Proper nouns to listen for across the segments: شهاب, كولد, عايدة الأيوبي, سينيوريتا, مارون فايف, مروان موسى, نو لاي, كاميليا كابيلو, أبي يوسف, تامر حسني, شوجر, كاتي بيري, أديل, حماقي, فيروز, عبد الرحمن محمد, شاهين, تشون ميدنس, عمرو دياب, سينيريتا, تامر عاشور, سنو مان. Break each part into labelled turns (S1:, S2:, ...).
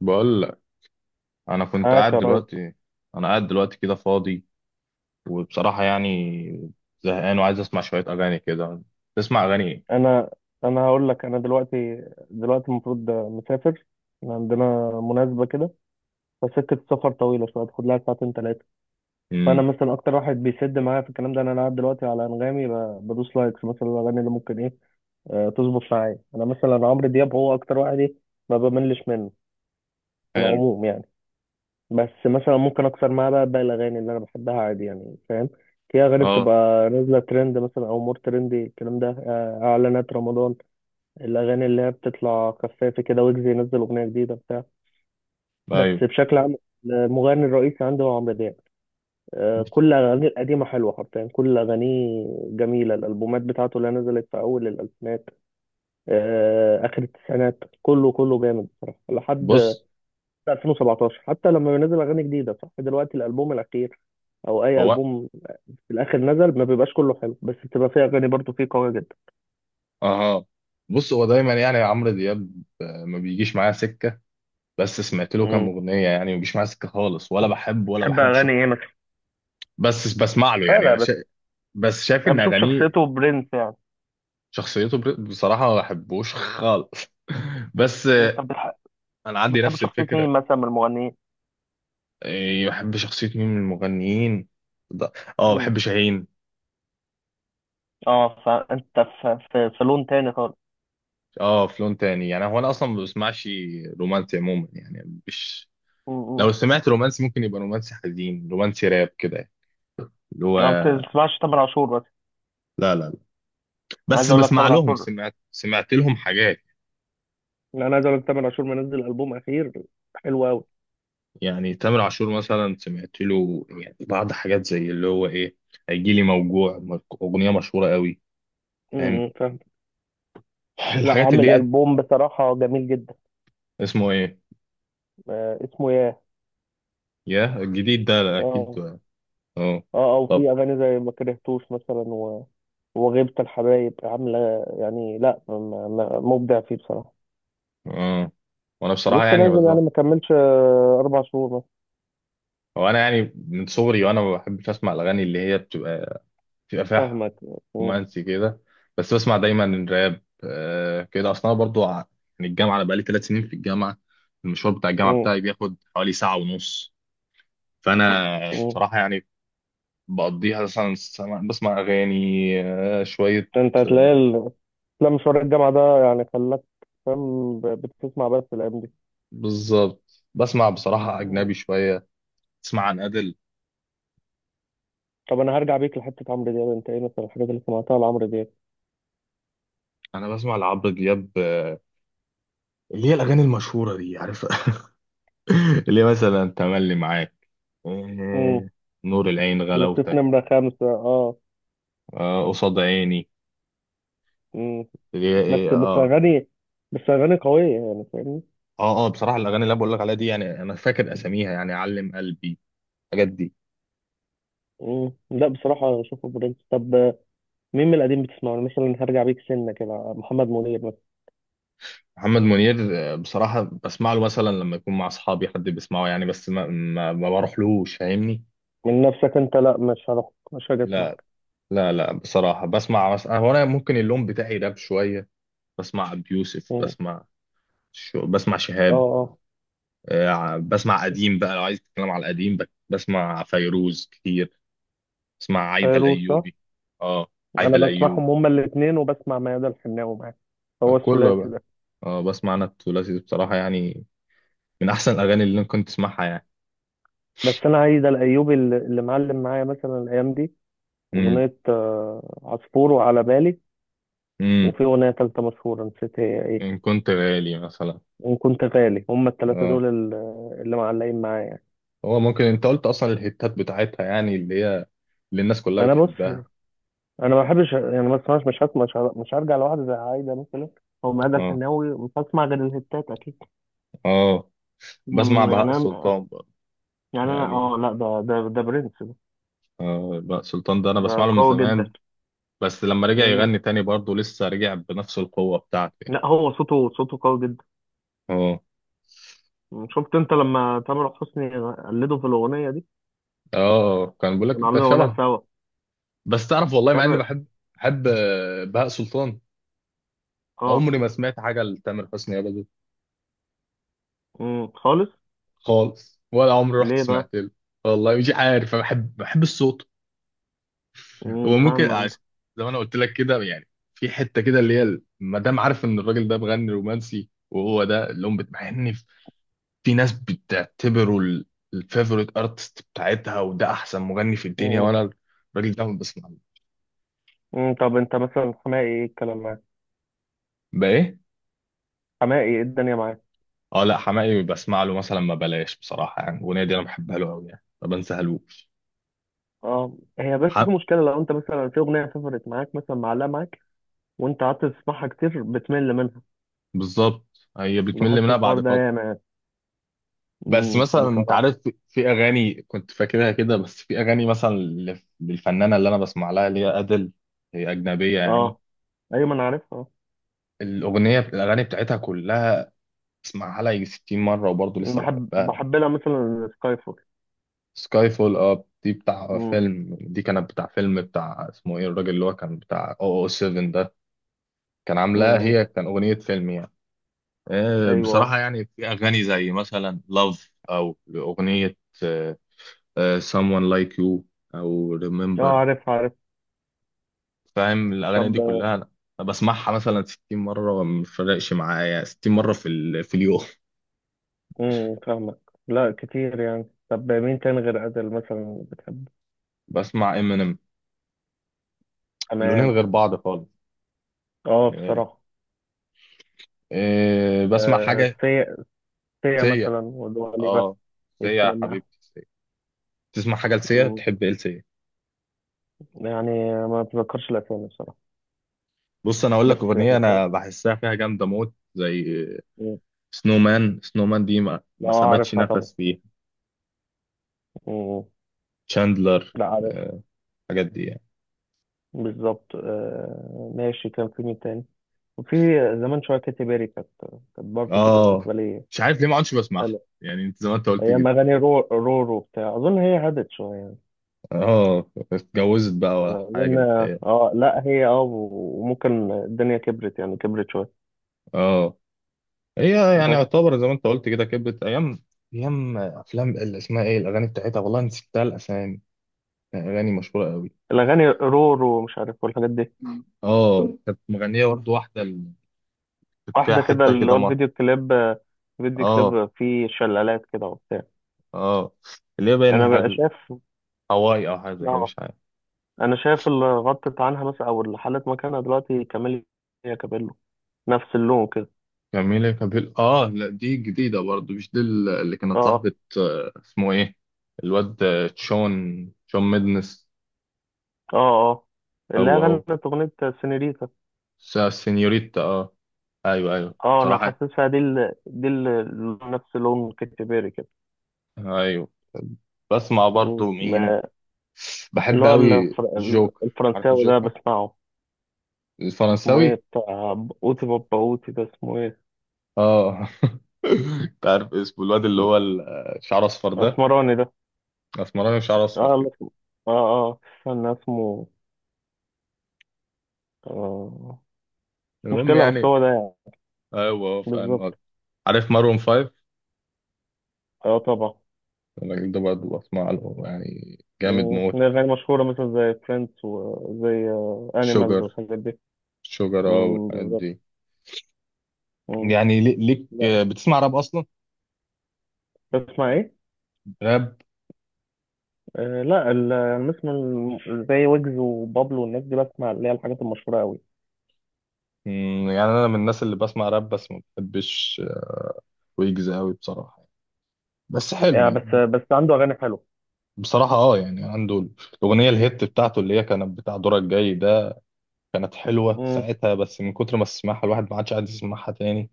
S1: بقول لك، انا كنت
S2: معاك
S1: قاعد
S2: يا ريس.
S1: دلوقتي، انا قاعد دلوقتي كده فاضي وبصراحه يعني زهقان وعايز اسمع شويه اغاني كده. تسمع اغاني ايه؟
S2: انا انا هقول لك، انا دلوقتي، المفروض مسافر. إحنا عندنا مناسبة كده، فسكة السفر طويلة شوية، تاخد لها ساعتين ثلاثة. فأنا
S1: امم.
S2: مثلا أكتر واحد بيسد معايا في الكلام ده إن أنا قاعد دلوقتي على أنغامي، بدوس لايكس مثلا الأغاني اللي ممكن إيه، تظبط معايا. أنا مثلا عمرو دياب هو أكتر واحد، إيه، ما بملش منه في
S1: حلو.
S2: العموم يعني. بس مثلا ممكن أكسر معاه بقى باقي الأغاني اللي أنا بحبها عادي، يعني فاهم. في أغاني
S1: اه.
S2: بتبقى نازلة ترند مثلا، أو مور ترندي، الكلام ده، إعلانات رمضان، الأغاني اللي هي بتطلع خفافة كده، ويجز ينزل أغنية جديدة بتاع. بس
S1: ايوه.
S2: بشكل عام المغني الرئيسي عندي هو عمرو دياب. كل أغانيه القديمة حلوة، حرفيا كل أغانيه جميلة. الألبومات بتاعته اللي نزلت في أول الألفينات، آخر التسعينات، كله جامد بصراحة لحد
S1: بص.
S2: 2017. حتى لما بينزل أغاني جديدة، صح دلوقتي الألبوم الأخير أو أي
S1: هو
S2: ألبوم في الآخر نزل ما بيبقاش كله حلو، بس بتبقى فيه أغاني برضه فيه قوية جدا.
S1: اه بص هو دايما يعني عمرو دياب ما بيجيش معايا سكه، بس سمعت له كام
S2: مم.
S1: اغنيه يعني ما بيجيش معايا سكه خالص ولا بحبه ولا
S2: بتحب
S1: بحب
S2: أغاني
S1: شخص.
S2: إيه مثلا؟
S1: بس بسمع له
S2: لا
S1: يعني
S2: لا بس،
S1: بس شايف
S2: أنا
S1: ان
S2: بشوف
S1: اغانيه
S2: شخصيته برنس يعني.
S1: بصراحه ما بحبوش خالص. بس
S2: طب
S1: انا عندي
S2: بتحب
S1: نفس
S2: شخصية
S1: الفكره.
S2: مين مثلا من المغنيين؟
S1: إيه، بحب شخصية مين من المغنيين؟ ده- اه
S2: مم.
S1: بحب شاهين.
S2: اه، فانت في في لون تاني خالص.
S1: اه في لون تاني، يعني هو انا اصلا ما بسمعش رومانسي عموما يعني، مش لو
S2: مم.
S1: سمعت رومانسي ممكن يبقى رومانسي حزين، رومانسي راب كده اللي هو.
S2: انا ما بتسمعش تامر عاشور بس.
S1: لا لا لا
S2: انا عايز
S1: بس
S2: اقول لك
S1: بسمع
S2: تامر
S1: لهم،
S2: عاشور،
S1: سمعت لهم حاجات.
S2: لا انا عايز اقول لك تامر عاشور منزل البوم اخير حلو قوي.
S1: يعني تامر عاشور مثلا سمعت له يعني بعض حاجات زي اللي هو ايه، هيجي لي موجوع اغنية مشهورة قوي. فاهم
S2: فاهم. لا
S1: الحاجات
S2: عامل
S1: اللي هي
S2: البوم بصراحه جميل جدا.
S1: اسمه ايه،
S2: آه، اسمه ياه.
S1: يا الجديد ده لا،
S2: اه
S1: اكيد اه.
S2: اه، او
S1: طب
S2: في اغاني زي ما كرهتوش مثلا، وغيبة الحبايب عامله. يعني، لا م- م- مبدع فيه بصراحه.
S1: امم، وانا بصراحه
S2: لسه
S1: يعني
S2: نازل يعني،
S1: بالظبط.
S2: ما كملش اربع شهور مثلا.
S1: هو انا يعني من صغري وانا ما بحبش اسمع الاغاني اللي هي بتبقى بتبقى فيها
S2: فاهمك. مم.
S1: رومانسي كده. بس بسمع دايما الراب كده، اصلا أنا برضو يعني الجامعه انا بقالي ثلاث سنين في الجامعه، المشوار بتاع الجامعه
S2: مم.
S1: بتاعي بياخد حوالي ساعه ونص. فانا
S2: مم.
S1: بصراحه يعني بقضيها مثلا بسمع اغاني شويه.
S2: ده انت هتلاقي ال- لا مشوار الجامعة ده يعني خلاك فاهم، بتسمع بس الأيام دي.
S1: بالظبط بسمع بصراحه
S2: مم.
S1: اجنبي شويه. تسمع عن ادل.
S2: طب أنا هرجع بيك لحتة عمرو دياب. أنت إيه مثلا الحاجات اللي سمعتها لعمرو دياب؟
S1: انا بسمع لعبد دياب اللي هي الاغاني المشهوره دي، عارف؟ ليه مثلا تملي معاك،
S2: امم.
S1: إيه، نور العين،
S2: لصيف
S1: غلاوتك،
S2: نمرة خمسة، أه.
S1: آه قصاد عيني،
S2: امم.
S1: ليه
S2: بس
S1: ايه
S2: بس
S1: اه.
S2: أغاني، بس أغاني قوية يعني، فاهمني؟
S1: اه اه بصراحه الاغاني اللي انا بقول لك عليها دي، يعني انا فاكر اساميها، يعني علم قلبي، الحاجات دي.
S2: امم. لا بصراحة أشوفه برنس. طب مين من القديم بتسمعه؟ أنا مثلا هرجع بيك سنة كده، محمد منير مثلا.
S1: محمد منير بصراحه بسمع له مثلا لما يكون مع اصحابي حد بيسمعه، يعني بس ما بروحلوش، فاهمني.
S2: من نفسك أنت؟ لا مش هروح، مش هاجي
S1: لا
S2: أسمعك.
S1: لا لا بصراحه بسمع مثلا، هو انا ممكن اللون بتاعي راب شويه، بسمع ابي يوسف،
S2: مم.
S1: بسمع بسمع
S2: أه
S1: شهاب.
S2: أه.
S1: بسمع قديم بقى لو عايز تتكلم على القديم، بسمع فيروز كتير، بسمع عايدة
S2: فيروز صح؟
S1: الأيوبي. اه
S2: انا
S1: عايدة الأيوب
S2: بسمعهم هما الاثنين، وبسمع ميادة الحناوي معاه، هو
S1: كله
S2: الثلاثي
S1: بقى.
S2: ده.
S1: اه بسمع، أنا طفولتي بصراحة يعني من أحسن الأغاني اللي أنا كنت أسمعها يعني.
S2: بس انا عايز الايوبي، اللي معلم معايا مثلا الايام دي
S1: امم.
S2: اغنيه، عصفور، وعلى بالي،
S1: امم.
S2: وفي اغنيه ثالثه مشهوره نسيت هي ايه.
S1: إن كنت غالي مثلا.
S2: وان كنت غالي، هما الثلاثه
S1: اه
S2: دول اللي معلقين معايا يعني.
S1: هو ممكن أنت قلت أصلا الهيتات بتاعتها، يعني اللي هي اللي الناس كلها
S2: ما انا بص،
S1: بتحبها.
S2: انا ما بحبش يعني، ما بسمعش، مش هسمع مش هر- مش هرجع لواحد زي عايده مثلا او ميادة
S1: اه.
S2: الحناوي، مش هسمع غير الهتات اكيد.
S1: اه بسمع
S2: إنما يعني
S1: بهاء
S2: انا،
S1: سلطان برضه.
S2: يعني انا
S1: يعني
S2: اه لا ده ده برنس ده،
S1: آه بهاء سلطان ده أنا
S2: ده
S1: بسمع له من
S2: قوي
S1: زمان، بس لما رجع
S2: جدا.
S1: يغني تاني برضه لسه رجع بنفس القوة بتاعته يعني.
S2: لا هو صوته قوي جدا.
S1: اه.
S2: شفت انت لما تامر حسني قلده في الاغنيه دي،
S1: اه كان بيقول لك
S2: كنا
S1: انت
S2: عاملين اغنيه
S1: شبه.
S2: سوا.
S1: بس تعرف والله، مع اني
S2: تامر.
S1: بحب بحب بهاء سلطان،
S2: اه.
S1: عمري ما سمعت حاجة لتامر حسني ابدا.
S2: خالص.
S1: خالص، ولا عمري رحت
S2: ليه بقى؟
S1: سمعت له. والله مش عارف، أنا بحب بحب الصوت. هو ممكن
S2: فاهم انت.
S1: عشان، زي ما انا قلت لك كده يعني، في حتة كده اللي هي ما دام عارف ان الراجل ده بغني رومانسي، وهو ده اللي هم بتبقى في ناس بتعتبره الفيفوريت ارتست بتاعتها، وده احسن مغني في الدنيا،
S2: امم.
S1: وانا الراجل ده ما بسمع له.
S2: امم. طب انت مثلا حماقي ايه الكلام معاك؟
S1: بقى ايه.
S2: حماقي ايه الدنيا معاك؟
S1: اه لا حماقي بسمع له مثلا ما بلاش، بصراحه يعني الاغنيه دي انا بحبها له قوي يعني ما بنساهالوش.
S2: اه، هي بس في
S1: حق.
S2: مشكله لو انت مثلا في اغنيه سافرت معاك مثلا، معلقه معاك، وانت قعدت تسمعها كتير بتمل منها.
S1: بالظبط، هي بتمل
S2: بحس
S1: منها
S2: الحوار
S1: بعد
S2: ده
S1: فتره.
S2: ياما يعني.
S1: بس
S2: امم.
S1: مثلا انت
S2: بصراحه.
S1: عارف في اغاني كنت فاكرها كده، بس في اغاني مثلا للفنانه اللي انا بسمع لها اللي هي ادل، هي اجنبيه يعني.
S2: اه. ايوه، ما انا عارفها آه.
S1: الاغاني بتاعتها كلها بسمعها لها يجي 60 مره وبرضه لسه
S2: بحب
S1: بحبها.
S2: لها مثلا سكاي فول.
S1: سكاي فول، اه دي بتاع
S2: امم.
S1: فيلم، دي كانت بتاع فيلم بتاع اسمه ايه الراجل اللي هو كان بتاع 007 ده، كان عاملاها،
S2: امم.
S1: هي كان أغنية فيلم يعني.
S2: ايوه.
S1: بصراحة يعني في أغاني زي مثلا لاف أو أغنية، آه، someone like you أو
S2: اه
S1: remember.
S2: عارف عارف.
S1: فاهم الأغاني
S2: طب.
S1: دي كلها، أنا بسمعها مثلا 60 مرة ما بتفرقش معايا، 60 مرة في في اليوم.
S2: فاهمك. لا كتير يعني. طب مين تاني غير أزل مثلا بتحبه؟
S1: بسمع امينيم، لونين
S2: تمام.
S1: غير بعض خالص.
S2: اه
S1: آه،
S2: بصراحة.
S1: بسمع
S2: آه
S1: حاجة،
S2: سيا، سيا
S1: سيا.
S2: مثلا ودول بقى،
S1: اه سيا يا
S2: الكلام معاه.
S1: حبيبتي. تسمع حاجه لسيا؟
S2: مم.
S1: تحب ايه لسيا؟
S2: يعني ما بتذكرش الأسامي بصراحة،
S1: بص انا اقول لك
S2: بس
S1: اغنيه
S2: يعني فاهم.
S1: انا بحسها فيها جامده موت، زي
S2: مم.
S1: سنو مان. سنو مان دي ما,
S2: لا
S1: ما سابتش
S2: عارفها
S1: نفس
S2: طبعا.
S1: فيها.
S2: مم.
S1: تشاندلر.
S2: لا عارفها.
S1: الحاجات دي يعني.
S2: بالظبط. آه ماشي، كان في مين تاني؟ وفي زمان شوية كاتي بيري، كانت برضه
S1: اه
S2: بالنسبة لي
S1: مش عارف ليه ما عادش بسمعها،
S2: حلوة.
S1: يعني انت زي ما انت قلت كده.
S2: رورو بتاع أظن، هي هدت شوية
S1: اه اتجوزت بقى ولا
S2: يعني،
S1: حاجه
S2: لأن
S1: بتهيألي.
S2: اه لا هي اه، وممكن الدنيا كبرت يعني، كبرت شوية.
S1: اه هي يعني
S2: بس
S1: يعتبر زي ما انت قلت كده كبرت ايام، ايام افلام اللي اسمها ايه، الاغاني بتاعتها والله نسيتها الاسامي، يعني اغاني مشهوره قوي.
S2: الأغاني رور ومش عارف والحاجات دي،
S1: اه كانت مغنيه برضه واحده اللي كانت فيها
S2: واحدة كده
S1: حته
S2: اللي
S1: كده
S2: هو
S1: مره.
S2: الفيديو كليب، فيديو
S1: اه
S2: كليب فيه شلالات كده وبتاع.
S1: اه اللي هي
S2: أنا
S1: باين
S2: بقى
S1: حل...
S2: شايف،
S1: هواي او حاجه زي كده
S2: اه.
S1: مش عارف.
S2: أنا شايف اللي غطت عنها مثلا، أو اللي حلت مكانها دلوقتي، كاميليا كابيلو، نفس اللون كده.
S1: جميلة كابيل، اه لا دي جديدة برضو، مش دي اللي
S2: اه
S1: كانت
S2: اه.
S1: صاحبة آه، اسمه ايه، الواد تشون تشون ميدنس.
S2: اه اه. اللي هي
S1: هو هو
S2: غنت أغنية سينيريتا.
S1: س- سينيوريتا اه، ايوه ايوه
S2: اه. أنا
S1: بصراحة.
S2: حاسسها دي نفس لون كاتي بيري كده.
S1: ايوه. بسمع
S2: مم.
S1: برضو مين،
S2: اللي
S1: بحب
S2: هو
S1: قوي
S2: الفر...
S1: الجوكر. عارف
S2: الفرنساوي ده
S1: الجوكر
S2: بسمعه. اسمه ايه
S1: الفرنساوي؟
S2: بتاع، اوتي بابا اوتي ده اسمه ايه؟
S1: اه. انت عارف اسمه الواد اللي هو شعره اصفر ده،
S2: اسمراني ده.
S1: اسمراني وشعره اصفر
S2: اه
S1: كده.
S2: لا اسمه- اه اه استنى اسمه، آه، مش
S1: المهم
S2: مشكلة بس
S1: يعني،
S2: هو ده يعني.
S1: ايوه فاهم.
S2: بالظبط.
S1: عارف مارون فايف؟
S2: اه طبعا.
S1: الراجل ده برضه بسمع له يعني جامد
S2: مم،
S1: موت.
S2: من أغاني مشهورة مثلا زي فريندز وزي أنيمالز
S1: شوجر،
S2: والحاجات دي.
S1: شوجر اه
S2: مم،
S1: والحاجات
S2: بالظبط.
S1: دي.
S2: مم.
S1: يعني ليك
S2: لا،
S1: بتسمع راب اصلا؟
S2: بسمع ايه؟
S1: راب.
S2: آه لا ال- أنا بسمع زي ويجز وبابلو والناس دي، بسمع اللي هي الحاجات المشهورة أوي.
S1: مم، يعني انا من الناس اللي بسمع راب، بس ما بحبش ويجز قوي بصراحة، بس حلو
S2: يعني بس
S1: يعني.
S2: بس عنده أغاني حلوة.
S1: بصراحة اه يعني عنده الأغنية الهيت بتاعته اللي هي كانت بتاع دورك جاي ده، كانت حلوة
S2: مم.
S1: ساعتها، بس من كتر ما تسمعها الواحد ما عادش قاعد يسمعها تاني.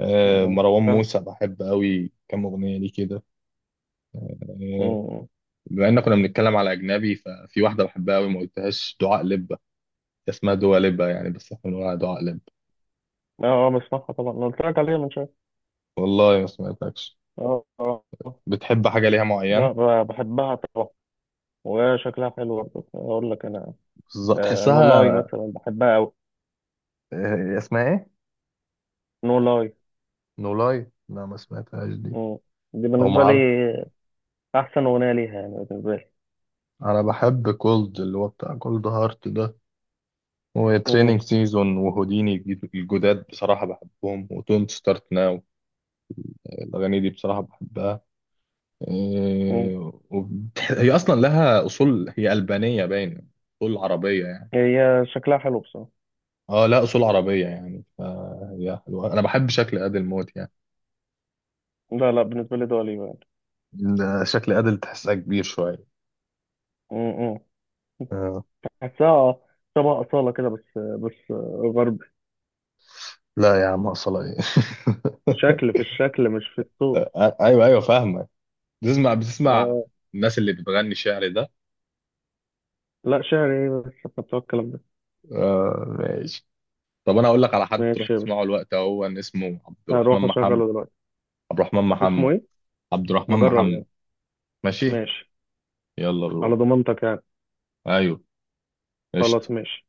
S2: مم
S1: مروان
S2: فاهم.
S1: موسى بحب قوي كام أغنية ليه كده. آه،
S2: مم.
S1: بما ان كنا بنتكلم على اجنبي، ففي واحده بحبها قوي ما قلتهاش، دعاء لبه، اسمها دوا لبه يعني، بس احنا بنقولها دعاء لبه.
S2: اه، بسمعها طبعا، أنا قلت لك عليها من شويه.
S1: والله ما سمعتكش.
S2: اه اه آه.
S1: بتحب حاجه ليها معينه؟
S2: لا بحبها طبعا، وشكلها حلو برضه اقول لك انا.
S1: بالظبط
S2: آه، نو لاي
S1: تحسها.
S2: مثلا بحبها قوي.
S1: اسمها ايه؟
S2: نو لاي،
S1: نولاي لا ما سمعتهاش دي،
S2: دي
S1: او ما
S2: بالنسبه لي
S1: اعرف.
S2: احسن اغنيه ليها يعني بالنسبه لي.
S1: انا بحب كولد اللي هو بتاع كولد هارت ده،
S2: مم.
S1: وتريننج سيزون، وهوديني الجداد بصراحه بحبهم، وتونت ستارت ناو. الاغاني دي بصراحه بحبها.
S2: مم.
S1: هي اصلا لها اصول، هي البانيه باين، اصول عربيه يعني.
S2: هي شكلها حلو بصراحه.
S1: اه لا اصول عربيه يعني، فهي حلوه، انا بحب شكل ادل موت يعني.
S2: لا لا بالنسبه لي دول يعني.
S1: شكل ادل تحسها كبير شويه.
S2: مم.
S1: آه.
S2: حاساها شبه اصاله كده، بس بس، غربي.
S1: لا يا عم اصلا ايه.
S2: شكل، في الشكل مش في الصوت.
S1: ايوه ايوه فاهمك. بتسمع
S2: اه.
S1: الناس اللي بتغني شعر ده؟
S2: لا شعري إيه، بس احنا بتوع الكلام ده.
S1: آه ماشي. طب انا اقول لك على حد تروح
S2: ماشي.
S1: تسمعه الوقت، هو إن اسمه عبد الرحمن
S2: هروح
S1: محمد.
S2: اشغله دلوقتي.
S1: عبد الرحمن
S2: اسمه
S1: محمد.
S2: ايه؟
S1: عبد الرحمن
S2: اجرب
S1: محمد.
S2: يعني.
S1: ماشي.
S2: ماشي.
S1: يلا
S2: على
S1: بروح.
S2: ضمانتك يعني.
S1: ايوه. قشطه.
S2: خلاص ماشي.